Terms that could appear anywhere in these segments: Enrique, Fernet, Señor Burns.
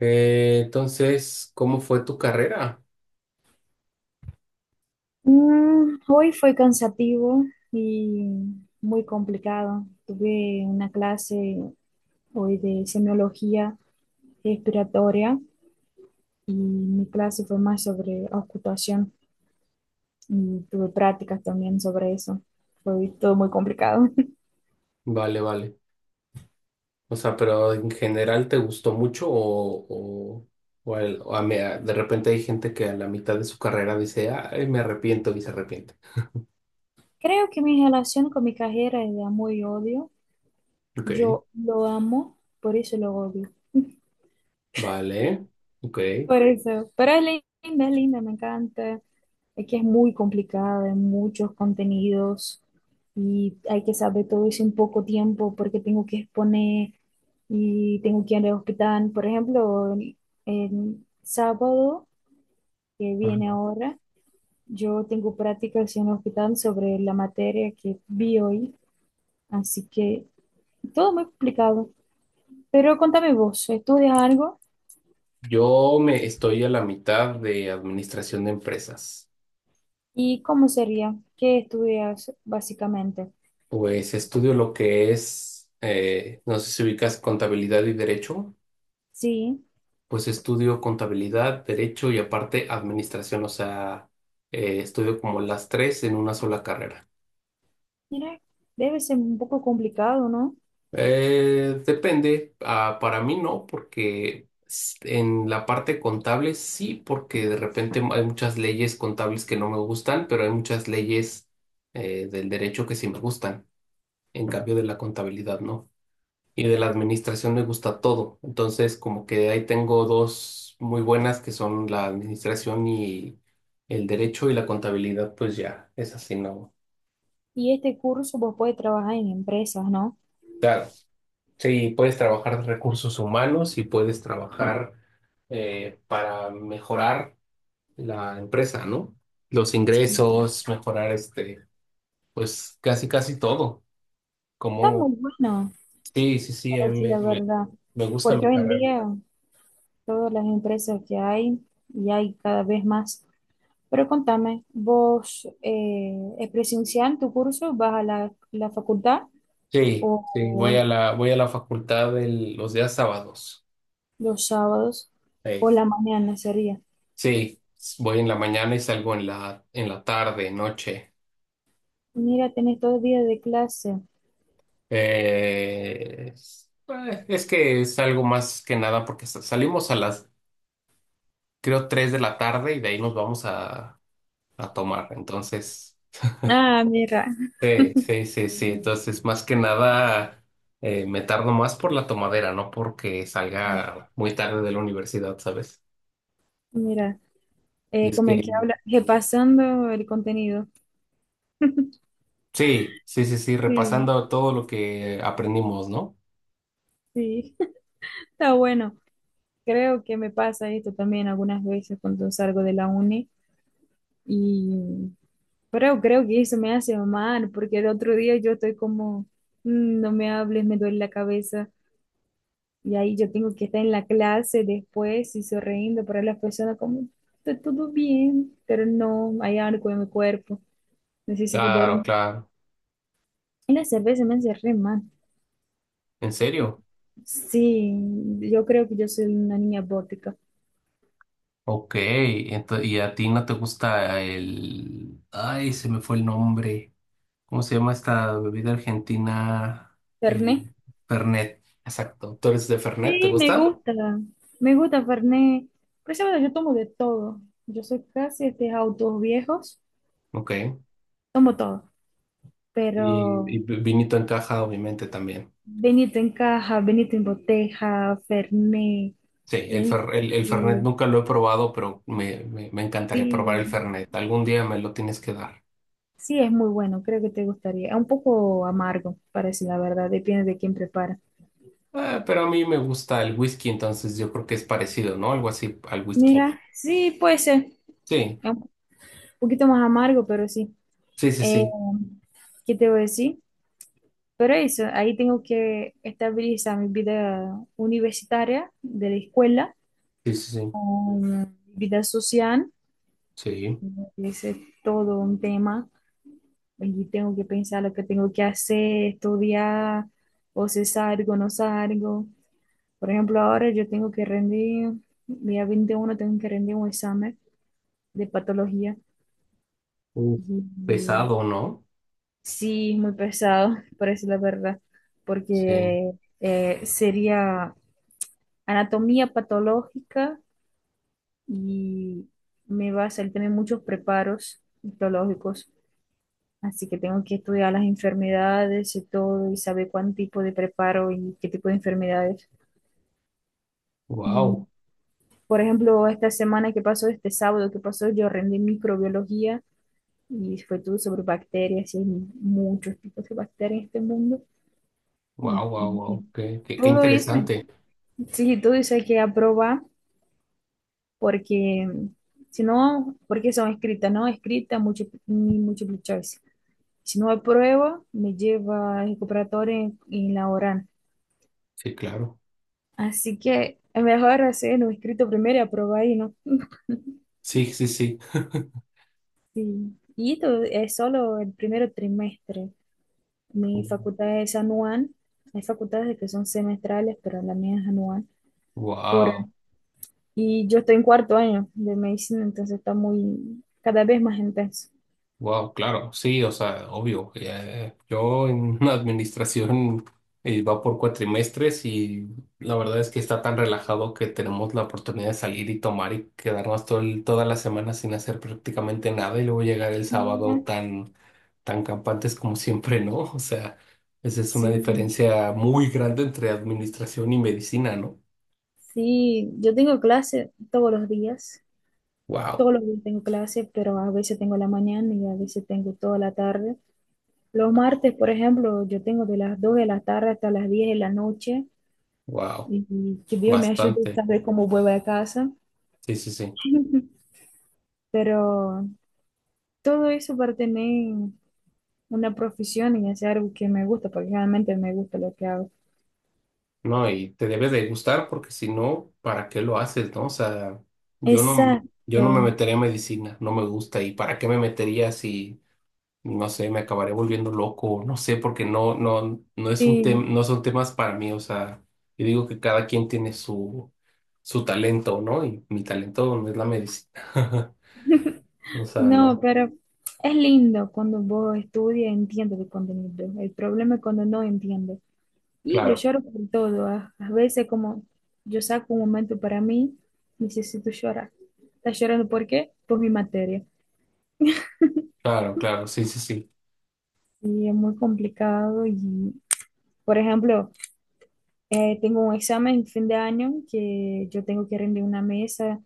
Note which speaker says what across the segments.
Speaker 1: Entonces, ¿cómo fue tu carrera?
Speaker 2: Hoy fue cansativo y muy complicado. Tuve una clase hoy de semiología respiratoria y mi clase fue más sobre auscultación y tuve prácticas también sobre eso. Fue todo muy complicado.
Speaker 1: Vale, vale. O sea, pero en general te gustó mucho o de repente hay gente que a la mitad de su carrera dice, ay, me arrepiento y se arrepiente.
Speaker 2: Creo que mi relación con mi carrera es de amor y odio.
Speaker 1: Ok,
Speaker 2: Yo lo amo, por eso lo odio.
Speaker 1: vale, ok.
Speaker 2: Por eso, pero es linda, me encanta. Es que es muy complicada, hay muchos contenidos y hay que saber todo eso en poco tiempo porque tengo que exponer y tengo que ir al hospital. Por ejemplo, el sábado que viene
Speaker 1: Ajá.
Speaker 2: ahora, yo tengo prácticas en el hospital sobre la materia que vi hoy, así que todo muy complicado. Pero contame vos, ¿estudias algo?
Speaker 1: Yo me estoy a la mitad de administración de empresas.
Speaker 2: ¿Y cómo sería? ¿Qué estudias básicamente?
Speaker 1: Pues estudio lo que es, no sé si ubicas contabilidad y derecho.
Speaker 2: Sí,
Speaker 1: Pues estudio contabilidad, derecho y aparte administración, o sea, estudio como las tres en una sola carrera.
Speaker 2: mira, debe ser un poco complicado, ¿no?
Speaker 1: Depende, ah, para mí no, porque en la parte contable sí, porque de repente hay muchas leyes contables que no me gustan, pero hay muchas leyes del derecho que sí me gustan, en cambio de la contabilidad no. Y de la administración me gusta todo. Entonces, como que ahí tengo dos muy buenas que son la administración y el derecho y la contabilidad, pues ya, es así, ¿no?
Speaker 2: Y este curso vos podés trabajar en empresas, ¿no?
Speaker 1: Claro, sí, puedes trabajar recursos humanos y puedes trabajar para mejorar la empresa, ¿no? Los
Speaker 2: Sí.
Speaker 1: ingresos, mejorar este, pues casi, casi todo.
Speaker 2: Está
Speaker 1: Como,
Speaker 2: muy bueno,
Speaker 1: sí, sí, sí,
Speaker 2: para
Speaker 1: a mí
Speaker 2: decir
Speaker 1: me,
Speaker 2: la
Speaker 1: me,
Speaker 2: verdad,
Speaker 1: me gusta
Speaker 2: porque
Speaker 1: mi
Speaker 2: hoy en
Speaker 1: carrera.
Speaker 2: día todas las empresas que hay y hay cada vez más. Pero contame, ¿vos es presencial tu curso? ¿Vas a la facultad
Speaker 1: Sí,
Speaker 2: o
Speaker 1: sí, voy a la facultad los días sábados.
Speaker 2: los sábados
Speaker 1: Eh,
Speaker 2: o la mañana sería?
Speaker 1: sí, voy en la mañana y salgo en la tarde, noche.
Speaker 2: Mira, tenés 2 días de clase.
Speaker 1: Es que salgo más que nada porque salimos a las, creo, 3 de la tarde y de ahí nos vamos a tomar. Entonces,
Speaker 2: Ah, mira.
Speaker 1: sí, sí, sí, sí. Entonces, más que nada, me tardo más por la tomadera, no porque salga muy tarde de la universidad, ¿sabes?
Speaker 2: Mira,
Speaker 1: Y es
Speaker 2: como
Speaker 1: que,
Speaker 2: que habla, repasando el contenido.
Speaker 1: sí, sí, sí, sí,
Speaker 2: Sí,
Speaker 1: repasando todo lo que aprendimos, ¿no?
Speaker 2: sí. Está bueno. Creo que me pasa esto también algunas veces cuando salgo de la uni y pero creo que eso me hace mal porque el otro día yo estoy como, "Mm, no me hables, me duele la cabeza y ahí yo tengo que estar en la clase después y sonriendo para las personas como, está todo bien, pero no, hay algo en mi cuerpo, necesito
Speaker 1: Claro,
Speaker 2: dormir."
Speaker 1: claro.
Speaker 2: Y la cerveza me hace re mal.
Speaker 1: ¿En serio?
Speaker 2: Sí, yo creo que yo soy una niña bótica.
Speaker 1: Ok, entonces y a ti no te gusta el... Ay, se me fue el nombre. ¿Cómo se llama esta bebida argentina?
Speaker 2: ¿Terné?
Speaker 1: El Fernet. Exacto. ¿Tú eres de Fernet? ¿Te
Speaker 2: Sí,
Speaker 1: gusta?
Speaker 2: me gusta Fernet. Por eso bueno, yo tomo de todo. Yo soy casi este autos viejos,
Speaker 1: Ok.
Speaker 2: tomo todo.
Speaker 1: Y,
Speaker 2: Pero
Speaker 1: vinito en caja, obviamente, también.
Speaker 2: Benito en caja, Benito en boteja, Fernet,
Speaker 1: Sí,
Speaker 2: whisky,
Speaker 1: el Fernet
Speaker 2: sí,
Speaker 1: nunca lo he probado, pero me encantaría probar el
Speaker 2: sí,
Speaker 1: Fernet. Algún día me lo tienes que dar.
Speaker 2: sí, es muy bueno, creo que te gustaría. Es un poco amargo, para decir la verdad, depende de quién prepara.
Speaker 1: Pero a mí me gusta el whisky, entonces yo creo que es parecido, ¿no? Algo así al whisky.
Speaker 2: Mira, sí, puede ser,
Speaker 1: Sí,
Speaker 2: es un poquito más amargo, pero sí.
Speaker 1: sí, sí,
Speaker 2: Eh,
Speaker 1: sí.
Speaker 2: ¿Qué te voy a decir? Pero eso, ahí tengo que estabilizar mi vida universitaria de la escuela
Speaker 1: Sí, sí, sí.
Speaker 2: con mi vida social.
Speaker 1: Sí.
Speaker 2: Ese es todo un tema. Y tengo que pensar lo que tengo que hacer, estudiar, o si salgo, no salgo. Por ejemplo, ahora yo tengo que rendir, día 21 tengo que rendir un examen de patología.
Speaker 1: Uh,
Speaker 2: Y y
Speaker 1: pesado, ¿no?
Speaker 2: sí, es muy pesado, por eso la verdad,
Speaker 1: Sí.
Speaker 2: porque sería anatomía patológica y me va a salir también muchos preparos histológicos, así que tengo que estudiar las enfermedades y todo y saber cuán tipo de preparo y qué tipo de enfermedades.
Speaker 1: Wow,
Speaker 2: Por ejemplo, esta semana que pasó, este sábado que pasó, yo rendí microbiología y fue todo sobre bacterias y hay muchos tipos de bacterias en este mundo. Y-
Speaker 1: wow, wow,
Speaker 2: y- y
Speaker 1: wow. Qué
Speaker 2: todo eso,
Speaker 1: interesante.
Speaker 2: sí, todo eso hay que aprobar porque si no, porque son escritas, no escritas, ni múltiple choice. Si no apruebo, me lleva el recuperatorio en la oral.
Speaker 1: Sí, claro.
Speaker 2: Así que es mejor hacer un escrito primero y aprobar ahí, ¿no?
Speaker 1: Sí, sí, sí.
Speaker 2: Sí. Y esto es solo el primer trimestre. Mi facultad es anual. Hay facultades que son semestrales, pero la mía es anual. Por,
Speaker 1: Wow,
Speaker 2: y yo estoy en cuarto año de medicina, entonces está muy, cada vez más intenso.
Speaker 1: wow, claro. Sí, o sea, obvio. Yo en una administración va por cuatrimestres y la verdad es que está tan relajado que tenemos la oportunidad de salir y tomar y quedarnos toda la semana sin hacer prácticamente nada y luego llegar el
Speaker 2: Mm.
Speaker 1: sábado tan campantes como siempre, ¿no? O sea, esa es una
Speaker 2: Sí.
Speaker 1: diferencia muy grande entre administración y medicina, ¿no?
Speaker 2: Sí, yo tengo clase todos los días.
Speaker 1: Wow,
Speaker 2: Todos los días tengo clase, pero a veces tengo la mañana y a veces tengo toda la tarde. Los martes, por ejemplo, yo tengo de las 2 de la tarde hasta las 10 de la noche
Speaker 1: wow,
Speaker 2: y que Dios me ayude a
Speaker 1: bastante.
Speaker 2: saber cómo vuelvo a casa.
Speaker 1: Sí, sí, sí.
Speaker 2: Pero todo eso para tener una profesión y hacer algo que me gusta, porque realmente me gusta lo que hago.
Speaker 1: No, y te debe de gustar porque si no, ¿para qué lo haces, no? O sea, yo no, yo no me
Speaker 2: Exacto,
Speaker 1: metería en medicina, no me gusta. ¿Y para qué me metería si no sé, me acabaré volviendo loco, no sé, porque no, no, no es un tema,
Speaker 2: sí.
Speaker 1: no son temas para mí, o sea, yo digo que cada quien tiene su, su talento, ¿no? Y mi talento no es la medicina. O sea,
Speaker 2: No,
Speaker 1: no,
Speaker 2: pero es lindo cuando vos estudias y entiendes el contenido. El problema es cuando no entiendes. Y yo
Speaker 1: claro,
Speaker 2: lloro por todo. A veces, como yo saco un momento para mí, necesito llorar. ¿Estás llorando por qué? Por mi materia.
Speaker 1: claro, claro, sí, sí, sí.
Speaker 2: Y es muy complicado. Y, por ejemplo, tengo un examen en fin de año que yo tengo que rendir una mesa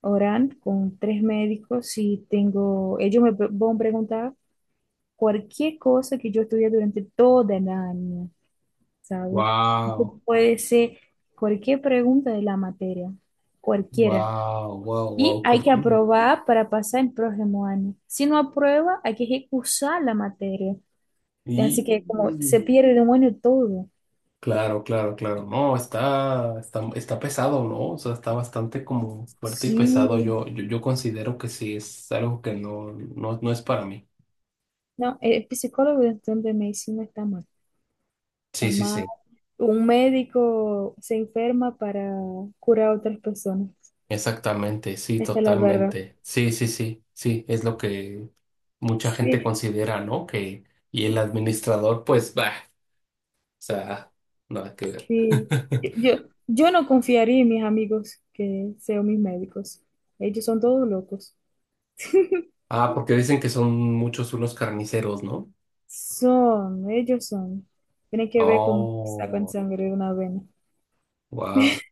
Speaker 2: oral con tres médicos y tengo, ellos van a preguntar cualquier cosa que yo estudié durante todo el año. ¿Sabes?
Speaker 1: Wow,
Speaker 2: Entonces, puede ser cualquier pregunta de la materia, cualquiera.
Speaker 1: wow, wow,
Speaker 2: Y
Speaker 1: wow, qué
Speaker 2: hay que
Speaker 1: bueno.
Speaker 2: aprobar para pasar el próximo año. Si no aprueba, hay que recursar la materia. Así que como se
Speaker 1: Y
Speaker 2: pierde de un año todo.
Speaker 1: claro, claro, claro, no, está, está, está pesado, ¿no? O sea, está bastante como fuerte y pesado.
Speaker 2: Sí,
Speaker 1: Yo considero que sí, es algo que no, no, no es para mí.
Speaker 2: no, el psicólogo dentro de medicina está mal. Está
Speaker 1: Sí, sí,
Speaker 2: mal.
Speaker 1: sí,
Speaker 2: Un médico se enferma para curar a otras personas.
Speaker 1: exactamente, sí,
Speaker 2: Esta es la verdad.
Speaker 1: totalmente. Sí, sí, sí, sí, es lo que mucha gente
Speaker 2: Sí.
Speaker 1: considera, ¿no? Que, y el administrador, pues, bah, o sea, nada que ver.
Speaker 2: Sí, yo, yo no confiaría en mis amigos que sean mis médicos. Ellos son todos locos.
Speaker 1: Ah, porque dicen que son muchos unos carniceros, ¿no?
Speaker 2: Ellos son. Tienen que ver cómo sacan
Speaker 1: Oh,
Speaker 2: sangre de una vena.
Speaker 1: wow.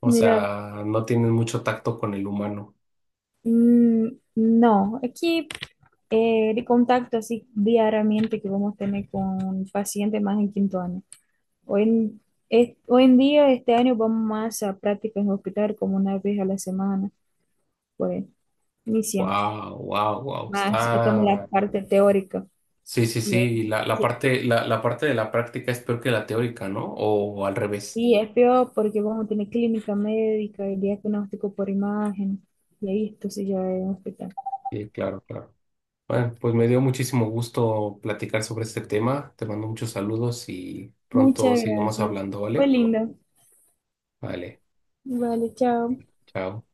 Speaker 1: O
Speaker 2: Mira,
Speaker 1: sea, no tienen mucho tacto con el humano.
Speaker 2: mm, no, aquí el contacto así diariamente que vamos a tener con pacientes más en quinto año. Hoy en, Hoy en día, este año vamos más a prácticas en hospital como una vez a la semana, pues ni siempre.
Speaker 1: Wow, wow, wow.
Speaker 2: Más estamos en la
Speaker 1: Está.
Speaker 2: parte teórica.
Speaker 1: Sí, sí, sí. La, la parte de la práctica es peor que la teórica, ¿no? O, al revés.
Speaker 2: Y es peor porque vamos a tener clínica médica y diagnóstico por imagen. Y ahí esto se lleva a un hospital.
Speaker 1: Sí, claro, claro. Bueno, pues me dio muchísimo gusto platicar sobre este tema. Te mando muchos saludos y
Speaker 2: Muchas
Speaker 1: pronto seguimos
Speaker 2: gracias.
Speaker 1: hablando,
Speaker 2: Fue
Speaker 1: ¿vale?
Speaker 2: lindo.
Speaker 1: Vale,
Speaker 2: Vale, chao.
Speaker 1: chao.